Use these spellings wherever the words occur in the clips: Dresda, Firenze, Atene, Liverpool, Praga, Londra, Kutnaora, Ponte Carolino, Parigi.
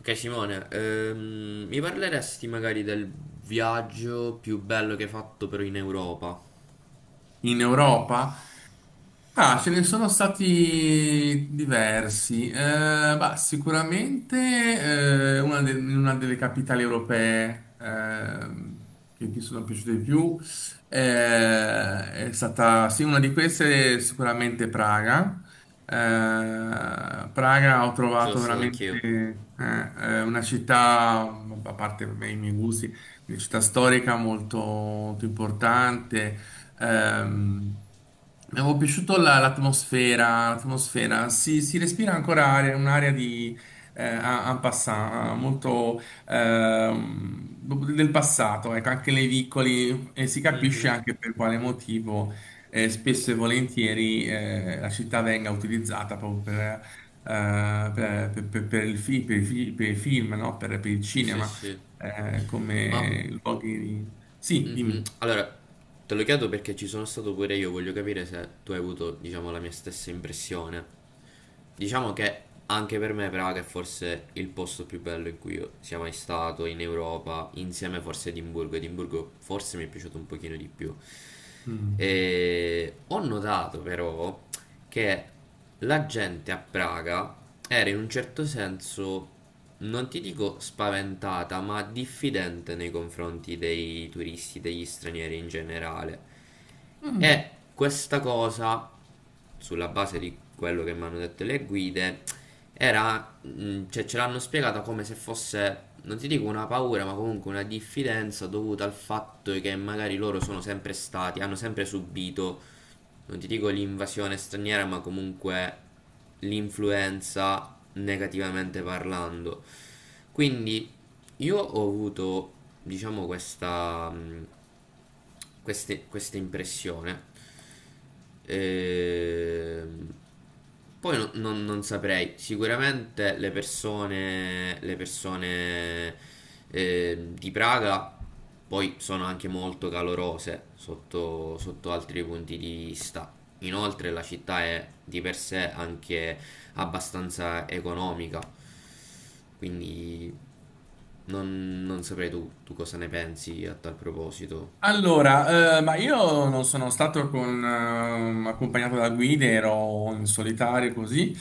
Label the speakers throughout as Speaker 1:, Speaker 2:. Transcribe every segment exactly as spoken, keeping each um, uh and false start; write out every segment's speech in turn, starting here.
Speaker 1: Ok Simone, ehm, mi parleresti magari del viaggio più bello che hai fatto però in Europa?
Speaker 2: In Europa? Ah, ce ne sono stati diversi. Eh, bah, sicuramente eh, una, de- in una delle capitali europee ehm, che mi sono piaciute di più eh, è stata, sì, una di queste è sicuramente Praga. Eh, Praga ho
Speaker 1: Ci sono
Speaker 2: trovato
Speaker 1: stato
Speaker 2: veramente
Speaker 1: anch'io.
Speaker 2: eh, eh, una città, a parte vabbè, i miei gusti, una città storica molto molto importante. Ehm, Mi avevo piaciuto la- l'atmosfera, l'atmosfera, si, si respira ancora aria- un'area di eh, en en passant, molto ehm, del passato, ecco, anche nei vicoli e si capisce
Speaker 1: Mhm.
Speaker 2: anche per quale motivo eh, spesso e volentieri eh, la città venga utilizzata proprio per, eh, per, per- per- per il fi- per i fi- per i film, no? Per, per il
Speaker 1: Sì,
Speaker 2: cinema,
Speaker 1: sì.
Speaker 2: eh,
Speaker 1: Ma.
Speaker 2: come luoghi. Sì,
Speaker 1: Mhm.
Speaker 2: dimmi.
Speaker 1: Allora, te lo chiedo perché ci sono stato pure io, voglio capire se tu hai avuto, diciamo, la mia stessa impressione. Diciamo che anche per me Praga è forse il posto più bello in cui io sia mai stato in Europa, insieme forse a Edimburgo. Edimburgo forse mi è piaciuto un pochino di più.
Speaker 2: Mm.
Speaker 1: E ho notato però che la gente a Praga era in un certo senso, non ti dico spaventata, ma diffidente nei confronti dei turisti, degli stranieri in generale. E
Speaker 2: Mm.
Speaker 1: questa cosa, sulla base di quello che mi hanno detto le guide, era, mh, cioè, ce l'hanno spiegata come se fosse, non ti dico una paura, ma comunque una diffidenza dovuta al fatto che magari loro sono sempre stati, hanno sempre subito non ti dico l'invasione straniera, ma comunque l'influenza negativamente parlando. Quindi io ho avuto, diciamo, questa, mh, queste- questa impressione. Ehm, poi no- non, non saprei, sicuramente le persone, le persone eh, di Praga poi sono anche molto calorose sotto, sotto altri punti di vista. Inoltre la città è di per sé anche abbastanza economica, quindi non, non saprei tu, tu cosa ne pensi a tal proposito.
Speaker 2: Allora, eh, ma io non sono stato con, ehm, accompagnato da guide, ero in solitario così,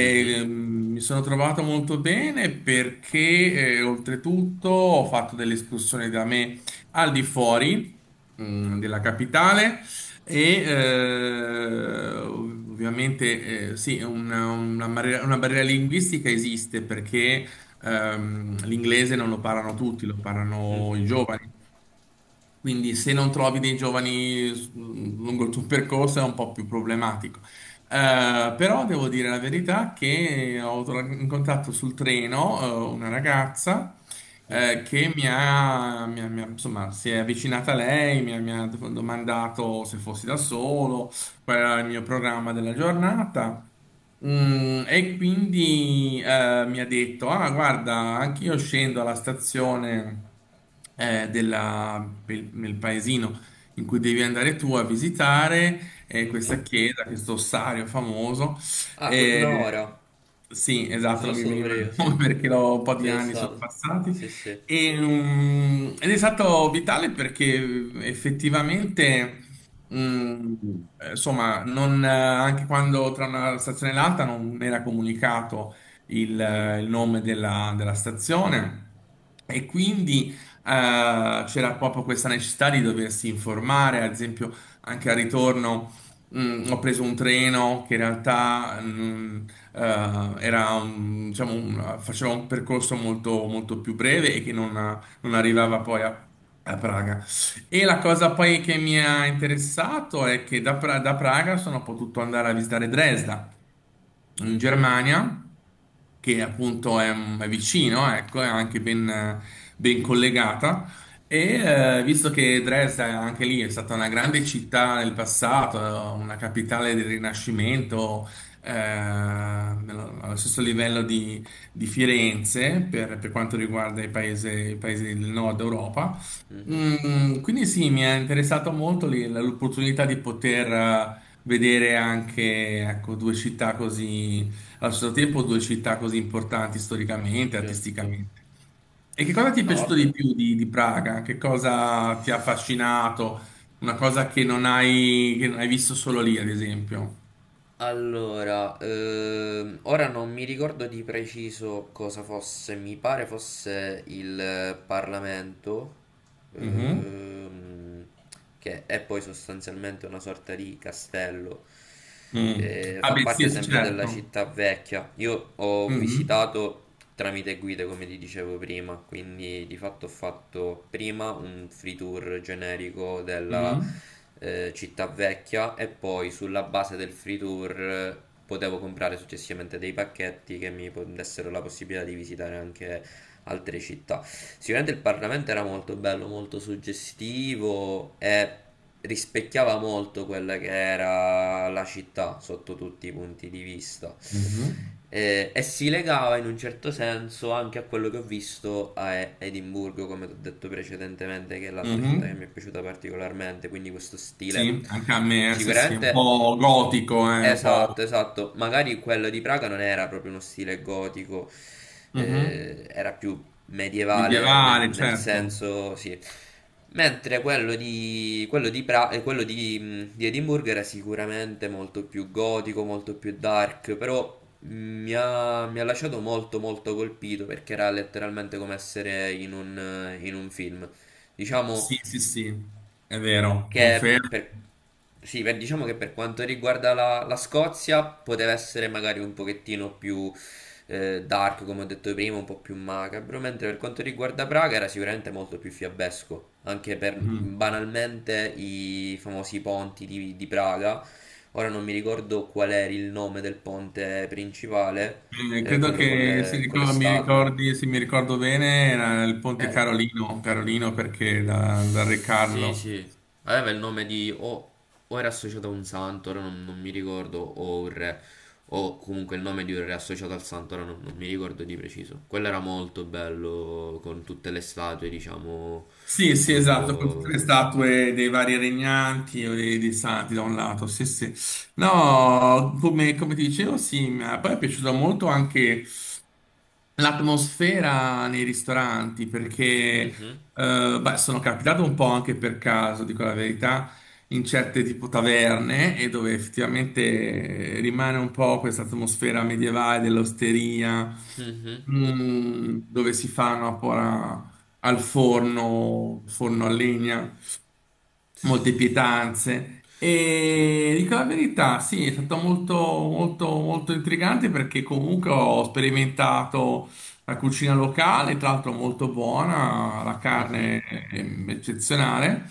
Speaker 1: Mhm.
Speaker 2: ehm, mi sono trovato molto bene perché eh, oltretutto ho fatto delle escursioni da me al di fuori, mm, della capitale. E eh, ov- ovviamente eh, sì, una, una barriera, una barriera linguistica esiste perché ehm, l'inglese non lo parlano tutti, lo parlano
Speaker 1: Mhm,
Speaker 2: i giovani, quindi se non trovi dei giovani s- lungo il tuo percorso è un po' più problematico. Eh, però devo dire la verità che ho tra- incontrato sul treno, eh, una ragazza,
Speaker 1: mhm,
Speaker 2: eh, che mi ha, mi ha- mi ha- insomma, si è avvicinata a lei, mi ha, mi ha domandato se fossi da solo, qual era il mio programma della giornata. Mm, e quindi eh, mi ha detto: Ah, guarda, anche io scendo alla stazione eh, della- pe- nel paesino in cui devi andare tu a visitare eh, questa
Speaker 1: mhm.
Speaker 2: chiesa, questo ossario famoso.
Speaker 1: Ah,
Speaker 2: Eh,
Speaker 1: Kutnaora.
Speaker 2: sì,
Speaker 1: Ci
Speaker 2: esatto,
Speaker 1: sono
Speaker 2: non mi
Speaker 1: stato pure
Speaker 2: veniva il
Speaker 1: io, sì.
Speaker 2: nome perché l'ho- un po'
Speaker 1: Ci
Speaker 2: di
Speaker 1: sono
Speaker 2: anni sono
Speaker 1: stato.
Speaker 2: passati.
Speaker 1: Sì, sì.
Speaker 2: E, mm, ed è stato vitale perché effettivamente. Mm, eh, insomma, non, eh, anche quando tra una stazione e l'altra non era comunicato il,
Speaker 1: Mhm,
Speaker 2: eh, il nome della, della stazione. E quindi eh, c'era proprio questa necessità di doversi informare, ad esempio anche al ritorno mm, Ho preso un treno che in realtà mm, eh, era un- diciamo, un- faceva un percorso molto, molto più breve e che non, non
Speaker 1: mhm,
Speaker 2: arrivava poi a a Praga. E la cosa poi che mi ha interessato è che da, Pra- da Praga sono potuto andare a visitare Dresda, in
Speaker 1: mhm,
Speaker 2: Germania, che appunto è, è vicino, ecco, è anche ben, ben collegata. E eh, visto che Dresda è anche lì è stata una grande città nel passato, una capitale del Rinascimento, eh, nello- allo stesso livello di, di Firenze per, per quanto riguarda i paesi, i paesi del nord Europa.
Speaker 1: mhm,
Speaker 2: Mm, quindi sì, mi è interessato molto lì l- l'opportunità di poter eh, vedere anche, ecco, due città così, allo stesso tempo due città così importanti storicamente,
Speaker 1: certo.
Speaker 2: artisticamente. E che cosa ti è
Speaker 1: No,
Speaker 2: piaciuto
Speaker 1: vabbè.
Speaker 2: di più di, di Praga? Che cosa ti ha affascinato? Una cosa che non hai, che non hai visto solo lì, ad esempio.
Speaker 1: Allora, ehm, ora non mi ricordo di preciso cosa fosse, mi pare fosse il Parlamento,
Speaker 2: Mhm.
Speaker 1: ehm, che è poi sostanzialmente una sorta di castello,
Speaker 2: Mm.
Speaker 1: eh,
Speaker 2: Ah,
Speaker 1: fa
Speaker 2: beh,
Speaker 1: parte
Speaker 2: sì, sì,
Speaker 1: sempre della
Speaker 2: certo.
Speaker 1: città vecchia. Io ho
Speaker 2: Mhm.
Speaker 1: visitato tramite guide come ti dicevo prima, quindi di fatto ho fatto prima un free tour generico della
Speaker 2: Mhm.
Speaker 1: eh, città vecchia e poi sulla base del free tour eh, potevo comprare successivamente dei pacchetti che mi po- dessero la possibilità di visitare anche altre città. Sicuramente il Parlamento era molto bello, molto suggestivo e rispecchiava molto quella che era la città sotto tutti i punti di vista.
Speaker 2: Mhm.
Speaker 1: Eh, E, si legava in un certo senso anche a quello che ho visto a E- Edimburgo, come ti ho detto precedentemente, che è l'altra città che
Speaker 2: Mhm.
Speaker 1: mi è piaciuta particolarmente, quindi questo stile
Speaker 2: Sì, anche a me, sì, sì, un
Speaker 1: sicuramente.
Speaker 2: po' gotico, eh, un po'.
Speaker 1: Esatto, esatto. Magari quello di Praga non era proprio uno stile gotico, eh,
Speaker 2: Mhm.
Speaker 1: era più medievale nel,
Speaker 2: Medievale,
Speaker 1: nel
Speaker 2: certo.
Speaker 1: senso, sì. Mentre quello di, quello di, Pra- eh, quello di, mh, di Edimburgo era sicuramente molto più gotico, molto più dark, però mh, mi ha, mi ha lasciato molto molto colpito perché era letteralmente come essere in un, in un film. Diciamo,
Speaker 2: Sì, sì, sì, è vero,
Speaker 1: che
Speaker 2: confermo.
Speaker 1: per, sì, per- diciamo che per quanto riguarda la, la Scozia poteva essere magari un pochettino più eh, dark, come ho detto prima, un po' più macabro, mentre per quanto riguarda Praga era sicuramente molto più fiabesco, anche per
Speaker 2: Mhm.
Speaker 1: banalmente i famosi ponti di, di Praga. Ora non mi ricordo qual era il nome del ponte principale,
Speaker 2: Eh,
Speaker 1: eh,
Speaker 2: credo
Speaker 1: quello con
Speaker 2: che si
Speaker 1: le, con le
Speaker 2: ricor- mi
Speaker 1: statue.
Speaker 2: ricordi, se mi ricordo bene, era il Ponte
Speaker 1: Era.
Speaker 2: Carolino, Carolino perché da, da Re
Speaker 1: Sì,
Speaker 2: Carlo.
Speaker 1: sì. Aveva il nome di o, o era associato a un santo, ora non, non mi ricordo, o un re, o comunque il nome di un re associato al santo, ora non, non mi ricordo di preciso. Quello era molto bello, con tutte le statue, diciamo,
Speaker 2: Sì, sì, esatto, con tutte le
Speaker 1: lungo...
Speaker 2: statue dei vari regnanti o dei, dei santi da un lato, sì, sì. No, come, come ti dicevo, sì, ma poi è piaciuto molto anche l'atmosfera nei ristoranti, perché
Speaker 1: Mhm,
Speaker 2: eh, beh, sono capitato un po' anche per caso, dico la verità, in certe tipo taverne e dove effettivamente rimane un po' questa atmosfera medievale dell'osteria,
Speaker 1: mhm,
Speaker 2: mm, dove si fanno ancora al forno, forno a legna molte pietanze.
Speaker 1: sì,
Speaker 2: E dico la verità, sì, è stato molto, molto, molto intrigante perché comunque ho sperimentato la cucina locale, tra l'altro molto buona, la
Speaker 1: mhm.
Speaker 2: carne è eccezionale.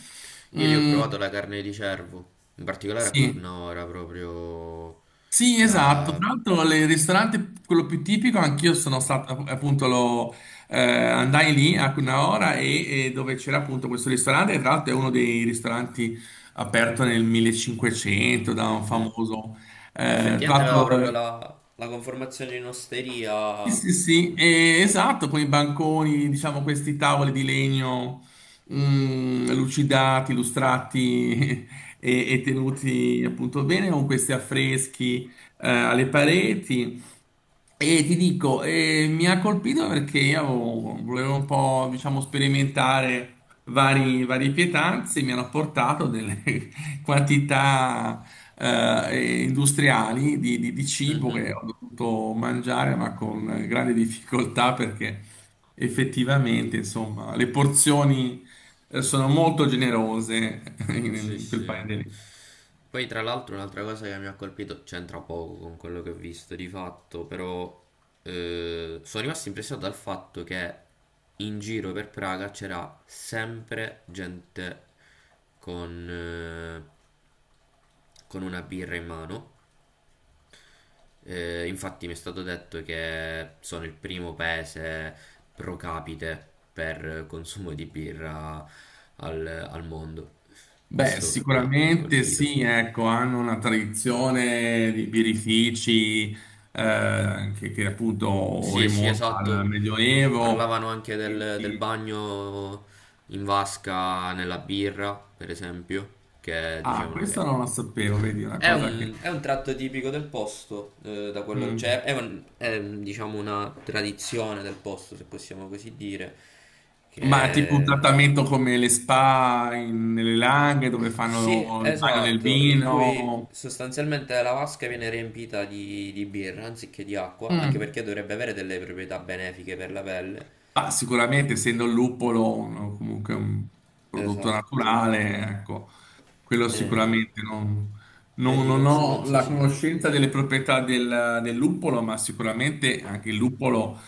Speaker 1: Io lì ho
Speaker 2: Mm,
Speaker 1: provato la carne di cervo, in particolare a
Speaker 2: sì.
Speaker 1: Cutnora, proprio
Speaker 2: Sì, esatto.
Speaker 1: la...
Speaker 2: Tra l'altro, il ristorante, quello più tipico, anch'io sono stato, appunto, lo, eh, andai lì a una ora e, e dove c'era appunto questo ristorante, e tra l'altro è uno dei ristoranti aperto nel millecinquecento da un
Speaker 1: Mhm.
Speaker 2: famoso, eh, tra
Speaker 1: Effettivamente aveva
Speaker 2: l'altro,
Speaker 1: proprio
Speaker 2: eh,
Speaker 1: la, la conformazione in
Speaker 2: sì,
Speaker 1: osteria.
Speaker 2: sì, sì, eh, esatto, con i banconi, diciamo, questi tavoli di legno, mm, lucidati, lustrati e, e tenuti appunto bene, con questi affreschi eh, alle pareti, e ti dico, eh, mi ha colpito perché io avevo- volevo un po', diciamo, sperimentare vari, varie pietanze, mi hanno portato delle quantità eh, industriali di, di- di cibo
Speaker 1: Mhm.
Speaker 2: che ho dovuto mangiare, ma con grande difficoltà perché effettivamente, insomma, le porzioni eh, sono molto generose
Speaker 1: Sì,
Speaker 2: in quel
Speaker 1: sì.
Speaker 2: paese lì.
Speaker 1: Poi tra l'altro un'altra cosa che mi ha colpito, c'entra poco con quello che ho visto di fatto, però eh, sono rimasto impressionato dal fatto che in giro per Praga c'era sempre gente con, eh, con una birra in mano. Eh, infatti mi è stato detto che sono il primo paese pro capite per consumo di birra al, al mondo.
Speaker 2: Beh,
Speaker 1: Questo mi ha, mi ha
Speaker 2: sicuramente
Speaker 1: colpito.
Speaker 2: sì, ecco, hanno una tradizione di birrifici eh, che, che appunto
Speaker 1: Sì, sì,
Speaker 2: rimonta al
Speaker 1: esatto.
Speaker 2: Medioevo.
Speaker 1: Parlavano anche del, del
Speaker 2: Quindi-
Speaker 1: bagno in vasca nella birra, per esempio, che
Speaker 2: Ah,
Speaker 1: dicevano
Speaker 2: questo
Speaker 1: che
Speaker 2: non lo sapevo, vedi, una
Speaker 1: è
Speaker 2: cosa che.
Speaker 1: un, è un tratto tipico del posto, eh, da quello, cioè
Speaker 2: Mm.
Speaker 1: è, un- è, diciamo una tradizione del posto, se possiamo così dire,
Speaker 2: Ma è tipo un
Speaker 1: che...
Speaker 2: trattamento come le spa in- nelle Langhe dove
Speaker 1: Sì,
Speaker 2: fanno il bagno nel
Speaker 1: esatto, in cui
Speaker 2: vino.
Speaker 1: sostanzialmente la vasca viene riempita di, di birra anziché di acqua, anche
Speaker 2: Mm.
Speaker 1: perché dovrebbe avere delle proprietà benefiche per la pelle.
Speaker 2: Ma sicuramente, essendo il luppolo un- comunque un prodotto
Speaker 1: Esatto.
Speaker 2: naturale, ecco, quello
Speaker 1: E,
Speaker 2: sicuramente non,
Speaker 1: e
Speaker 2: non-
Speaker 1: di
Speaker 2: non ho
Speaker 1: conseguenza
Speaker 2: la
Speaker 1: sì.
Speaker 2: conoscenza delle proprietà del, del luppolo, ma sicuramente anche il luppolo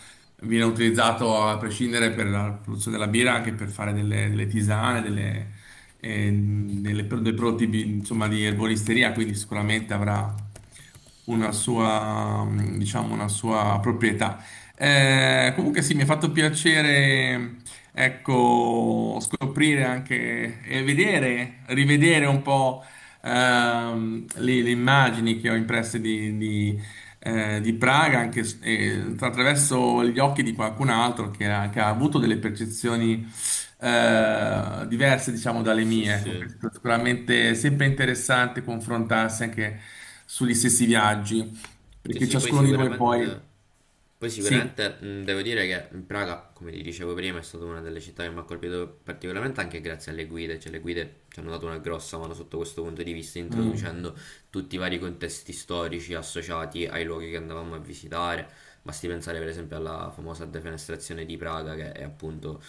Speaker 2: viene utilizzato a prescindere per la produzione della birra, anche per fare delle, delle tisane, delle, eh, delle pro- dei prodotti bi- insomma, di erboristeria, quindi sicuramente avrà una sua, diciamo, una sua proprietà eh, comunque sì, mi ha fatto piacere, ecco, scoprire anche e vedere, rivedere un po' ehm, le, le immagini che ho impresse di, di, eh, di Praga, anche s- eh, attraverso gli occhi di qualcun altro che ha, che ha avuto delle percezioni eh, diverse, diciamo, dalle
Speaker 1: Sì,
Speaker 2: mie. Ecco,
Speaker 1: sì.
Speaker 2: questo è sicuramente sempre interessante confrontarsi anche sugli stessi viaggi,
Speaker 1: Sì,
Speaker 2: perché
Speaker 1: sì, poi
Speaker 2: ciascuno di noi
Speaker 1: sicuramente,
Speaker 2: poi.
Speaker 1: poi
Speaker 2: Sì.
Speaker 1: sicuramente mh, devo dire che Praga, come ti dicevo prima, è stata una delle città che mi ha colpito particolarmente anche grazie alle guide, cioè le guide ci hanno dato una grossa mano sotto questo punto di vista,
Speaker 2: Mm.
Speaker 1: introducendo tutti i vari contesti storici associati ai luoghi che andavamo a visitare. Basti pensare per esempio alla famosa defenestrazione di Praga, che è appunto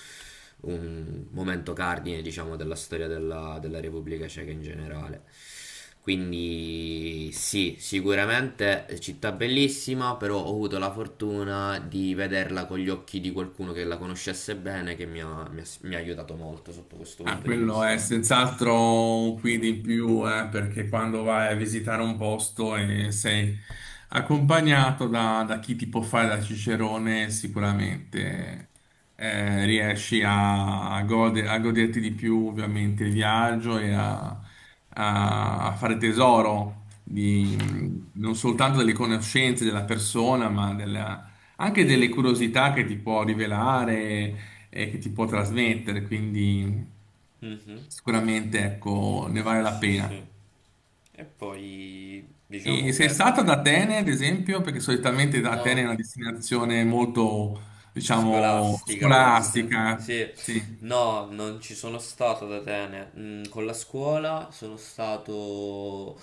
Speaker 1: un momento cardine, diciamo, della storia della, della Repubblica Ceca in generale. Quindi sì, sicuramente città bellissima, però ho avuto la fortuna di vederla con gli occhi di qualcuno che la conoscesse bene, che mi ha, mi ha- mi ha aiutato molto sotto questo
Speaker 2: Ah,
Speaker 1: punto di
Speaker 2: quello è
Speaker 1: vista.
Speaker 2: senz'altro un quid in più, eh, perché quando vai a visitare un posto e sei accompagnato da, da chi ti può fare da cicerone, sicuramente eh, riesci a, a gode- a goderti di più ovviamente il viaggio e a, a- a fare tesoro di, non soltanto delle conoscenze della persona, ma della- anche delle curiosità che ti può rivelare e che ti può trasmettere, quindi
Speaker 1: Mhm.
Speaker 2: sicuramente, ecco, ne vale
Speaker 1: Sì,
Speaker 2: la
Speaker 1: sì, sì.
Speaker 2: pena.
Speaker 1: E poi
Speaker 2: E
Speaker 1: diciamo
Speaker 2: sei
Speaker 1: che
Speaker 2: stata ad Atene, ad esempio, perché solitamente Atene è
Speaker 1: no.
Speaker 2: una destinazione molto, diciamo,
Speaker 1: Scolastica forse.
Speaker 2: scolastica.
Speaker 1: Sì,
Speaker 2: Sì.
Speaker 1: no, non ci sono stato ad Atene. Mm, con la scuola sono stato,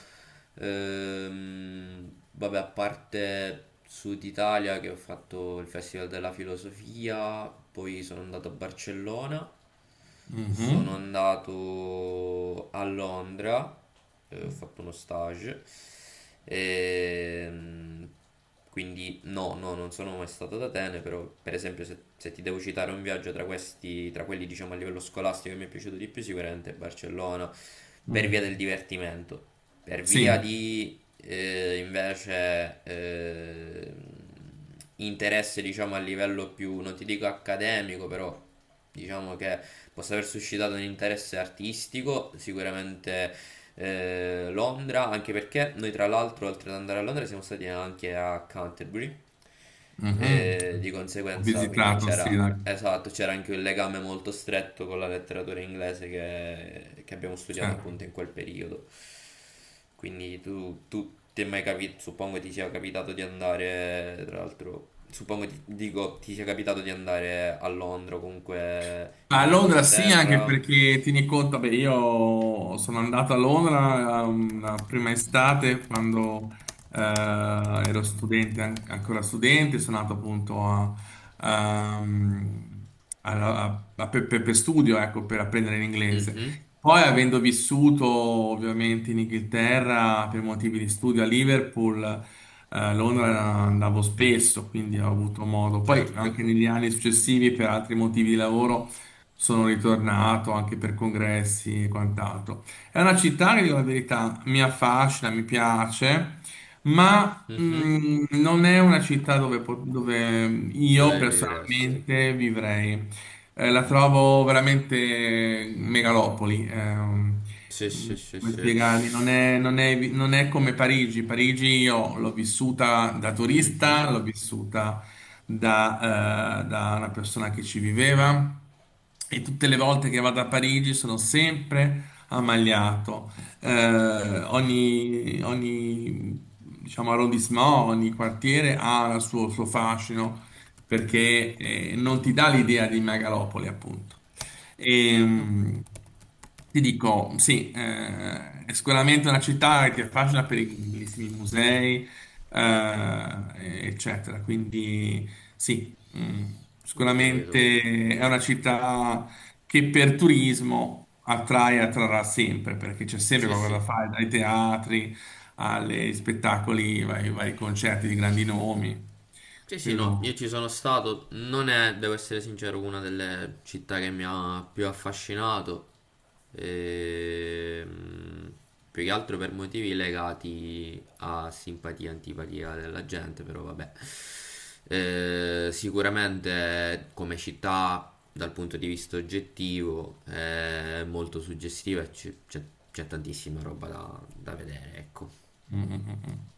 Speaker 1: ehm, vabbè, a parte Sud Italia che ho fatto il Festival della Filosofia, poi sono andato a Barcellona, sono
Speaker 2: Mhm.
Speaker 1: andato a Londra, eh, ho fatto uno stage, e quindi no, no, non sono mai stato ad Atene, però per esempio se, se ti devo citare un viaggio tra questi, tra quelli diciamo a livello scolastico che mi è piaciuto di più, sicuramente è Barcellona, per via
Speaker 2: Mm.
Speaker 1: del divertimento, per via
Speaker 2: Sì.
Speaker 1: di eh, invece eh, interesse diciamo a livello più, non ti dico accademico, però diciamo che possa aver suscitato un interesse artistico, sicuramente eh, Londra, anche perché noi tra l'altro oltre ad andare a Londra siamo stati anche a Canterbury,
Speaker 2: Mhm.
Speaker 1: e di
Speaker 2: Ho
Speaker 1: conseguenza quindi
Speaker 2: visitato, sì,
Speaker 1: c'era,
Speaker 2: la-
Speaker 1: esatto, c'era anche un legame molto stretto con la letteratura inglese che, che abbiamo studiato
Speaker 2: certo.
Speaker 1: appunto in quel periodo. Quindi tu, tu ti è mai capito, suppongo ti sia capitato di andare, tra l'altro, suppongo ti, dico, ti sia capitato di andare a Londra o comunque
Speaker 2: Ma A
Speaker 1: in
Speaker 2: Londra sì, anche
Speaker 1: Inghilterra?
Speaker 2: perché tieni conto, beh, io sono andato a Londra um, la prima estate quando eh, ero studente, an- ancora studente, sono andato appunto a, um, a- a- a- per, per- per studio, ecco, per apprendere l'inglese.
Speaker 1: Mhm,
Speaker 2: Poi avendo vissuto ovviamente in Inghilterra per motivi di studio a Liverpool, a Londra andavo spesso, quindi ho avuto modo. Poi
Speaker 1: certo.
Speaker 2: anche negli anni successivi per altri motivi di lavoro sono ritornato anche per congressi e quant'altro. È una città che, dico la verità, mi affascina, mi piace, ma
Speaker 1: Mhm.
Speaker 2: mh, non è una città dove, po- dove io
Speaker 1: Dove vivresti?
Speaker 2: personalmente vivrei. Eh, la trovo veramente megalopoli. ehm.
Speaker 1: Sì, sì, sì,
Speaker 2: Come
Speaker 1: sì.
Speaker 2: spiegarmi? Non è, non è- non è come Parigi. Parigi io l'ho vissuta da turista, l'ho vissuta da, eh, da una persona che ci viveva e tutte le volte che vado a Parigi sono sempre ammaliato. Eh, ogni, ogni, diciamo, arrondissement, ogni quartiere ha il suo, suo fascino perché eh, non ti dà l'idea di megalopoli, appunto. E,
Speaker 1: Ho,
Speaker 2: mh, ti dico, sì, eh, è sicuramente una città che è facile per i bellissimi musei, eh, eccetera. Quindi sì, mm,
Speaker 1: ho capito.
Speaker 2: sicuramente è una città che per turismo attrae e attrarrà sempre, perché c'è sempre
Speaker 1: Sì,
Speaker 2: qualcosa da
Speaker 1: sì.
Speaker 2: fare, dai teatri agli spettacoli, ai vari concerti di grandi nomi.
Speaker 1: Sì, sì, no,
Speaker 2: Quello.
Speaker 1: io ci sono stato, non è, devo essere sincero, una delle città che mi ha più affascinato, ehm, più che altro per motivi legati a simpatia, e antipatia della gente, però vabbè. Eh, sicuramente come città, dal punto di vista oggettivo, è molto suggestiva e ci- c'è c'è tantissima roba da, da vedere, ecco.
Speaker 2: Mm, mm, mm. Mm.